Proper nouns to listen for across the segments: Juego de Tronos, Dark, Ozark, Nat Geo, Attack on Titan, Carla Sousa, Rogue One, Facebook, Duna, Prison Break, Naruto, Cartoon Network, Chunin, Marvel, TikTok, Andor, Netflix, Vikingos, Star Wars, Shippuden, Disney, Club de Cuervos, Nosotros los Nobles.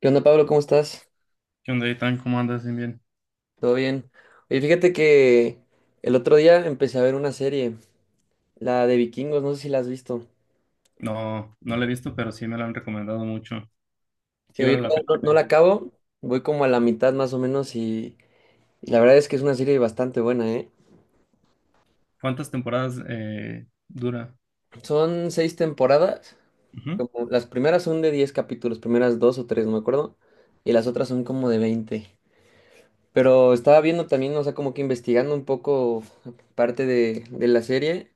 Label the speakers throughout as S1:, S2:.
S1: ¿Qué onda, Pablo? ¿Cómo estás?
S2: ¿Qué onda, Itan? ¿Cómo andas? Bien, bien.
S1: ¿Todo bien? Oye, fíjate que el otro día empecé a ver una serie, la de Vikingos, no sé si la has visto.
S2: No, no la he visto, pero sí me la han recomendado mucho. Sí
S1: Digo, yo
S2: vale la
S1: todavía
S2: pena.
S1: no, no la acabo, voy como a la mitad más o menos y la verdad es que es una serie bastante buena, ¿eh?
S2: ¿Cuántas temporadas dura?
S1: Son seis temporadas,
S2: Ujú.
S1: como las primeras son de 10 capítulos, primeras dos o tres, no me acuerdo, y las otras son como de 20. Pero estaba viendo también, o sea, como que investigando un poco parte de la serie.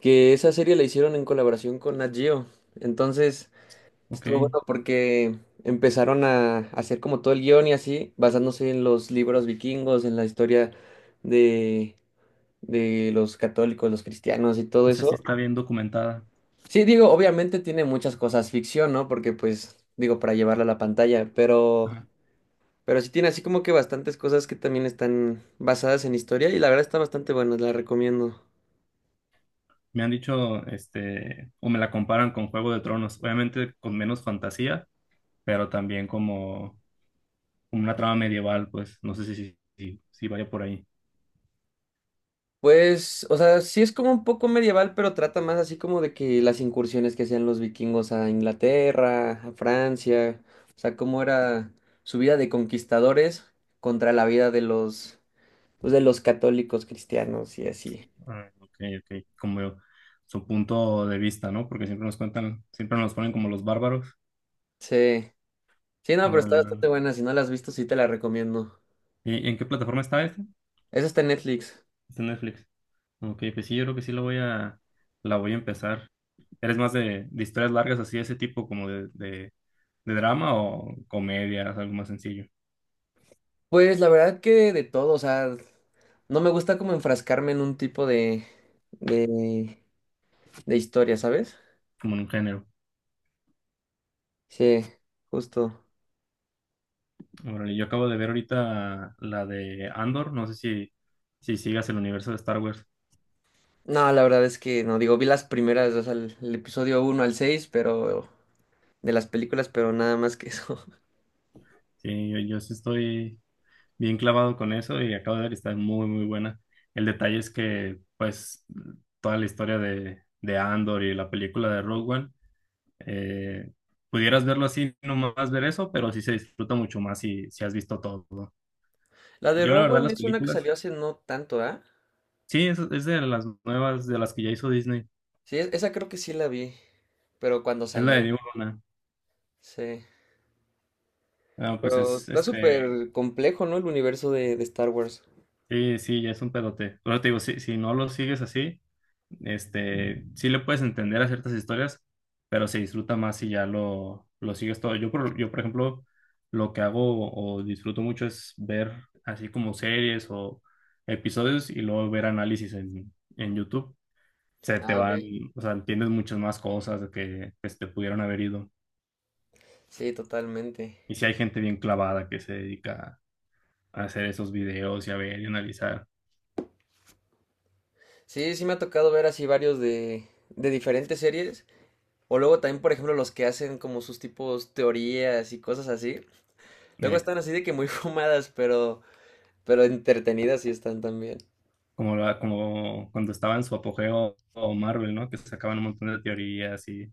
S1: Que esa serie la hicieron en colaboración con Nat Geo. Entonces,
S2: Ok.
S1: estuvo bueno porque empezaron a hacer como todo el guión y así, basándose en los libros vikingos, en la historia de, de los católicos, los cristianos y todo
S2: O sea, sí
S1: eso.
S2: está bien documentada.
S1: Sí, digo, obviamente tiene muchas cosas ficción, ¿no? Porque pues, digo, para llevarla a la pantalla, pero...
S2: Ajá.
S1: Pero sí tiene así como que bastantes cosas que también están basadas en historia y la verdad está bastante buena, la recomiendo.
S2: Me han dicho, o me la comparan con Juego de Tronos. Obviamente con menos fantasía, pero también como una trama medieval, pues. No sé si vaya por ahí.
S1: Pues, o sea, sí es como un poco medieval, pero trata más así como de que las incursiones que hacían los vikingos a Inglaterra, a Francia, o sea, cómo era su vida de conquistadores contra la vida de los, pues, de los católicos cristianos y así.
S2: Ah, ok, ok. Como su punto de vista, ¿no? Porque siempre nos cuentan, siempre nos ponen como los bárbaros.
S1: Sí, sí, no, pero está
S2: Órale,
S1: bastante buena, si no la has visto, sí te la recomiendo.
S2: ¿y en qué plataforma está?
S1: Esa está en Netflix.
S2: Está en Netflix. Ok, pues sí, yo creo que sí la voy a empezar. ¿Eres más de historias largas así, de ese tipo, como de drama o comedias, algo más sencillo,
S1: Pues la verdad que de todo, o sea, no me gusta como enfrascarme en un tipo de, de historia, ¿sabes?
S2: como en un género?
S1: Sí, justo.
S2: Órale, yo acabo de ver ahorita la de Andor, no sé si, si sigas el universo de Star Wars.
S1: No, la verdad es que no, digo, vi las primeras, o sea, el episodio uno al 6 pero de las películas, pero nada más que eso.
S2: Sí, yo sí estoy bien clavado con eso y acabo de ver que está muy, muy buena. El detalle es que, pues, toda la historia de Andor y la película de Rogue One. Eh, Pudieras verlo así, nomás ver eso, pero sí se disfruta mucho más si, si has visto todo, ¿no?
S1: La de
S2: Yo, la
S1: Rogue
S2: verdad,
S1: One
S2: las
S1: es una que
S2: películas,
S1: salió hace no tanto, ¿ah?
S2: sí, es de las nuevas, de las que ya hizo Disney.
S1: Sí, esa creo que sí la vi, pero cuando
S2: Es la
S1: salió,
S2: de Duna.
S1: sí.
S2: Ah, pues
S1: Pero
S2: es.
S1: está súper complejo, ¿no? El universo de Star Wars.
S2: Sí, sí, ya es un pedote. Pero te digo, si, si no lo sigues así, sí le puedes entender a ciertas historias, pero se disfruta más si lo sigues todo. Yo, por ejemplo, lo que hago o disfruto mucho es ver así como series o episodios y luego ver análisis en YouTube. Se te
S1: Ah, ok.
S2: van, o sea, entiendes muchas más cosas de que pues, te pudieron haber ido.
S1: Sí, totalmente.
S2: Y si hay gente bien clavada que se dedica a hacer esos videos y a ver y analizar.
S1: Sí, sí me ha tocado ver así varios de diferentes series. O luego también, por ejemplo, los que hacen como sus tipos teorías y cosas así. Luego
S2: eh,
S1: están así de que muy fumadas, pero... Pero entretenidas sí están también.
S2: como cuando estaba en su apogeo o Marvel, ¿no? Que sacaban un montón de teorías y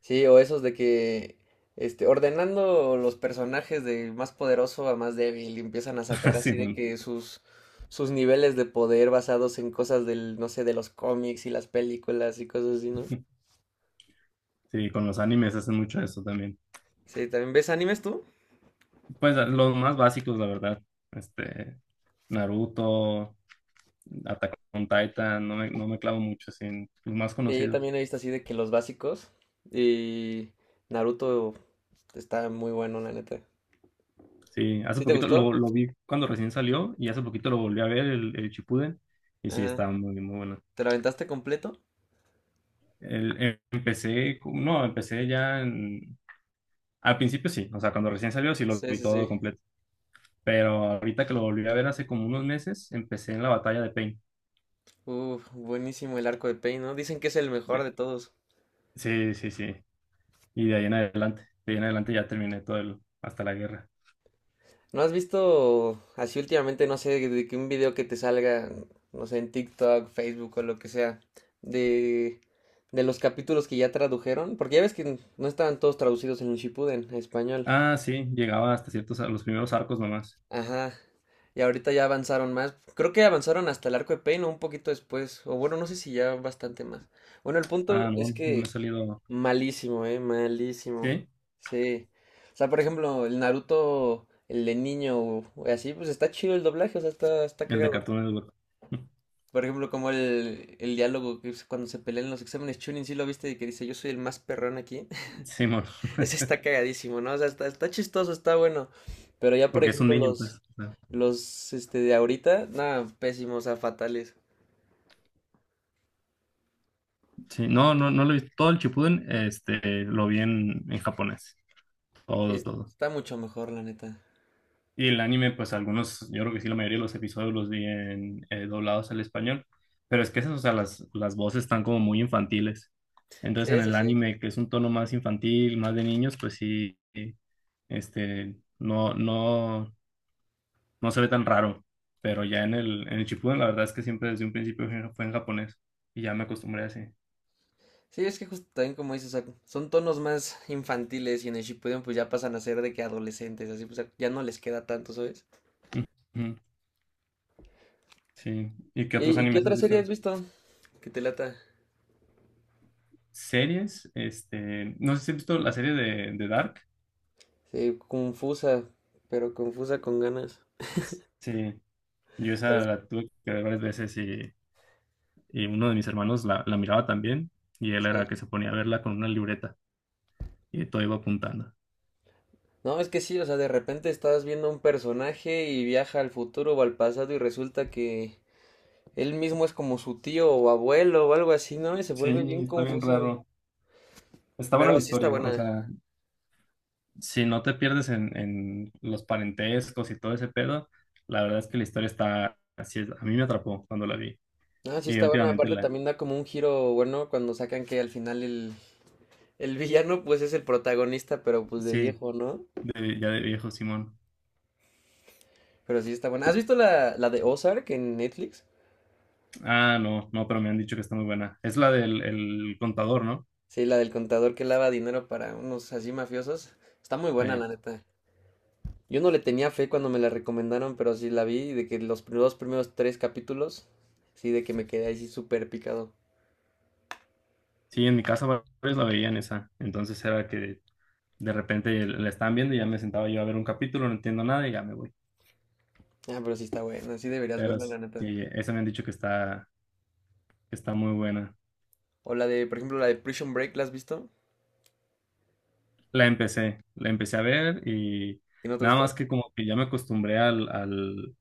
S1: Sí, o esos de que este, ordenando los personajes de más poderoso a más débil, y empiezan a sacar
S2: así,
S1: así de
S2: bueno.
S1: que sus niveles de poder basados en cosas del, no sé, de los cómics y las películas y cosas así, ¿no?
S2: Sí, con los animes hacen mucho eso también.
S1: Sí, ¿también ves animes tú?
S2: Pues los más básicos, la verdad. Este, Naruto, Attack on Titan, no me clavo mucho, sí, en los más
S1: Sí, yo
S2: conocidos.
S1: también he visto así de que los básicos y Naruto está muy bueno, la neta.
S2: Sí, hace
S1: ¿Sí te
S2: poquito
S1: gustó?
S2: lo vi cuando recién salió y hace poquito lo volví a ver, el Shippuden, y sí,
S1: Ajá.
S2: estaba muy, muy bueno.
S1: ¿Te lo aventaste completo?
S2: Empecé, no, al principio sí, o sea, cuando recién salió sí lo
S1: Sí,
S2: vi
S1: sí, sí.
S2: todo completo. Pero ahorita que lo volví a ver hace como unos meses, empecé en la batalla de Pain.
S1: Uf, buenísimo el arco de Pain, ¿no? Dicen que es el mejor
S2: De-
S1: de todos.
S2: Sí, sí, sí. Y de ahí en adelante, de ahí en adelante ya terminé todo el, hasta la guerra.
S1: ¿No has visto así últimamente, no sé, de que un video que te salga, no sé, en TikTok, Facebook o lo que sea, de, de los capítulos que ya tradujeron? Porque ya ves que no estaban todos traducidos en un Shippuden, a español.
S2: Ah, sí, llegaba hasta ciertos, a los primeros arcos nomás.
S1: Ajá. Y ahorita ya avanzaron más. Creo que avanzaron hasta el arco de Pain o un poquito después. O bueno, no sé si ya bastante más. Bueno, el punto
S2: Ah,
S1: es
S2: no, no me ha
S1: que
S2: salido.
S1: malísimo, malísimo.
S2: ¿Sí?
S1: Sí. O sea, por ejemplo, el Naruto, el de niño, o así, pues está chido el doblaje, o sea, está, está
S2: El de
S1: cagado.
S2: Cartoon Network.
S1: Por ejemplo, como el diálogo que es cuando se pelean en los exámenes Chunin, sí lo viste, y que dice, yo soy el más perrón aquí.
S2: Simón,
S1: Ese está cagadísimo, ¿no? O sea, está, está chistoso, está bueno. Pero ya, por
S2: porque es un
S1: ejemplo,
S2: niño, pues,
S1: los,
S2: o sea.
S1: los, este, de ahorita, nada, pésimos, o sea, fatales.
S2: Sí, no, no, no lo he visto. Todo el Shippuden, lo vi en japonés.
S1: Sí,
S2: Todo, todo.
S1: está mucho mejor, la neta.
S2: Y el anime, pues algunos, yo creo que sí, la mayoría de los episodios los vi en doblados al español, pero es que esas, o sea, las voces están como muy infantiles.
S1: Sí,
S2: Entonces en
S1: eso
S2: el
S1: sí.
S2: anime, que es un tono más infantil, más de niños, pues sí, este, no, no, no se ve tan raro, pero ya en el Shippuden, la verdad es que siempre desde un principio fue en japonés y ya me acostumbré así.
S1: Sí, es que justo también como dices, o sea, son tonos más infantiles y en el Shippuden pues ya pasan a ser de que adolescentes, así pues ya no les queda tanto, ¿sabes?
S2: Ujú. Sí, ¿y qué
S1: ¿Y,
S2: otros
S1: y qué
S2: animes
S1: otra
S2: has
S1: serie
S2: visto?
S1: has visto? Que te lata.
S2: Series, no sé si has visto la serie de Dark.
S1: Sí, confusa, pero confusa con ganas.
S2: Sí, yo
S1: Pero
S2: esa
S1: es-
S2: la tuve que ver varias veces y uno de mis hermanos la miraba también y él era que
S1: sí.
S2: se ponía a verla con una libreta y todo iba apuntando.
S1: No, es que sí, o sea, de repente estás viendo un personaje y viaja al futuro o al pasado y resulta que él mismo es como su tío o abuelo o algo así, ¿no? Y se
S2: Sí,
S1: vuelve bien
S2: está bien
S1: confuso.
S2: raro. Está buena la
S1: Pero sí está
S2: historia, o
S1: buena.
S2: sea, si no te pierdes en los parentescos y todo ese pedo, la verdad es que la historia está así, a mí me atrapó cuando la vi.
S1: Ah, sí
S2: Y
S1: está bueno.
S2: últimamente
S1: Aparte
S2: la,
S1: también da como un giro bueno cuando sacan que al final el villano pues es el protagonista, pero pues de
S2: sí,
S1: viejo, ¿no?
S2: ya de viejo Simón.
S1: Pero sí está bueno. ¿Has visto la de Ozark en Netflix?
S2: Ah, no, no, pero me han dicho que está muy buena. Es la del el contador, ¿no?
S1: Sí, la del contador que lava dinero para unos así mafiosos. Está muy buena,
S2: Ey.
S1: la neta. Yo no le tenía fe cuando me la recomendaron, pero sí la vi y de que los primeros tres capítulos, sí, de que me quedé así súper picado.
S2: Sí, en mi casa varios la veían esa. Entonces era que de repente la están viendo y ya me sentaba yo a ver un capítulo, no entiendo nada y ya me voy.
S1: Ah, pero sí está buena, sí deberías
S2: Pero
S1: verla, la neta.
S2: sí, esa me han dicho que que está muy buena.
S1: O la de, por ejemplo, la de Prison Break, ¿la has visto?
S2: La empecé a ver y
S1: ¿Y no te
S2: nada
S1: gustó?
S2: más que como que ya me acostumbré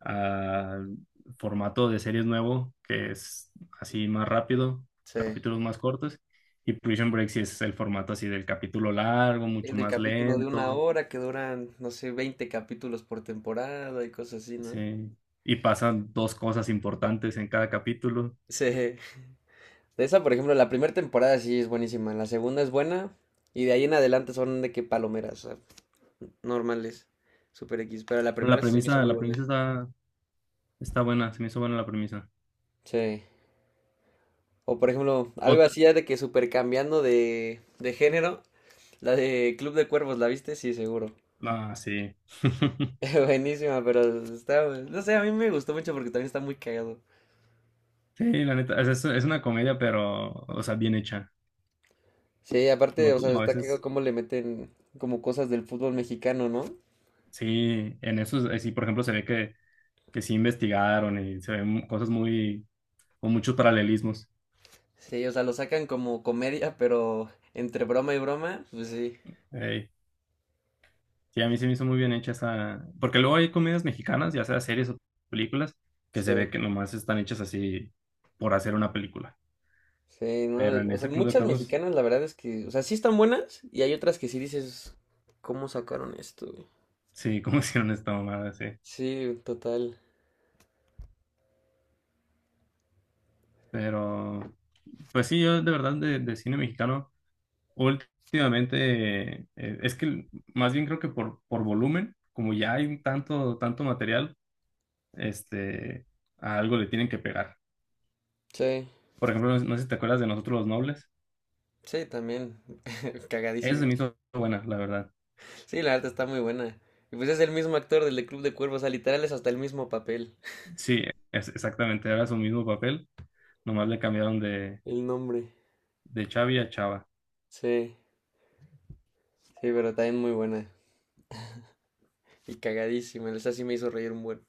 S2: al formato de series nuevo, que es así más rápido,
S1: Sí.
S2: capítulos más cortos. Y Prison Break sí es el formato así del capítulo largo,
S1: Sí,
S2: mucho
S1: del
S2: más
S1: capítulo de una
S2: lento,
S1: hora que duran, no sé, 20 capítulos por temporada y cosas así, ¿no?
S2: sí. Y pasan dos cosas importantes en cada capítulo.
S1: Sí. De esa, por ejemplo, la primera temporada sí es buenísima, la segunda es buena y de ahí en adelante son de que palomeras, o sea, normales, super X, pero la primera sí se me hizo muy
S2: La
S1: buena.
S2: premisa está, está buena, se me hizo buena la premisa.
S1: Sí. O por ejemplo, algo
S2: Otra.
S1: así ya de que super cambiando de género, la de Club de Cuervos, ¿la viste? Sí, seguro.
S2: Ah, sí.
S1: Buenísima, pero está, no sé, a mí me gustó mucho porque también está muy cagado.
S2: Sí, la neta, o sea, es una comedia, pero, o sea, bien hecha.
S1: Sí, aparte,
S2: No
S1: o sea,
S2: como a
S1: está cagado
S2: veces,
S1: cómo le meten como cosas del fútbol mexicano, ¿no?
S2: sí, en eso, sí, por ejemplo, que sí investigaron y se ven cosas muy, con muchos paralelismos.
S1: Sí, o sea, lo sacan como comedia, pero entre broma y broma, pues sí.
S2: Ey, sí, a mí se me hizo muy bien hecha esa, porque luego hay comedias mexicanas, ya sea series o películas, que se ve
S1: Sí,
S2: que nomás están hechas así por hacer una película.
S1: sí, no,
S2: Pero
S1: el-
S2: en
S1: o sea,
S2: ese Club de
S1: muchas
S2: Cuervos,
S1: mexicanas la verdad es que, o sea, sí están buenas y hay otras que sí dices, ¿cómo sacaron esto, güey?
S2: sí, como hicieron esta mamada, sí.
S1: Sí, total.
S2: Pero, pues sí, yo de verdad de cine mexicano, últimamente, es que más bien creo que por volumen, como ya hay un tanto, tanto material, este, a algo le tienen que pegar.
S1: Sí,
S2: Por ejemplo, no sé si te acuerdas de Nosotros los Nobles.
S1: sí, también.
S2: Esa se
S1: Cagadísimo.
S2: me hizo buena, la verdad.
S1: Sí, la verdad está muy buena. Y pues es el mismo actor del de Club de Cuervos, o sea, literal es hasta el mismo papel.
S2: Sí, es exactamente, era su mismo papel, nomás le cambiaron
S1: El nombre.
S2: de Chavi a Chava.
S1: Sí, sí, pero también muy buena. Y cagadísima, esa sí me hizo reír un buen.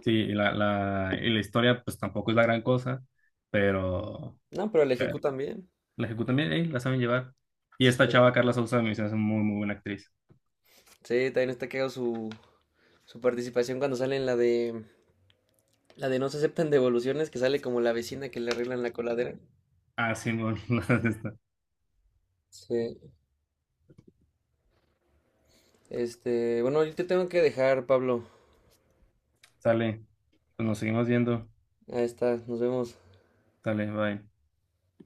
S2: Sí, y la historia pues tampoco es la gran cosa, pero...
S1: No, pero el Ejecu también.
S2: La ejecutan bien, ey, la saben llevar. Y esta
S1: Sí,
S2: chava, Carla Sousa, me dice, es muy, muy buena actriz.
S1: sí, también está cagado su participación cuando sale en la de no se aceptan devoluciones, que sale como la vecina que le arreglan la coladera.
S2: Ah, sí, bueno, esta.
S1: Sí. Este, bueno, yo te tengo que dejar, Pablo.
S2: Sale, pues nos seguimos viendo.
S1: Ahí está, nos vemos.
S2: Sale, bye.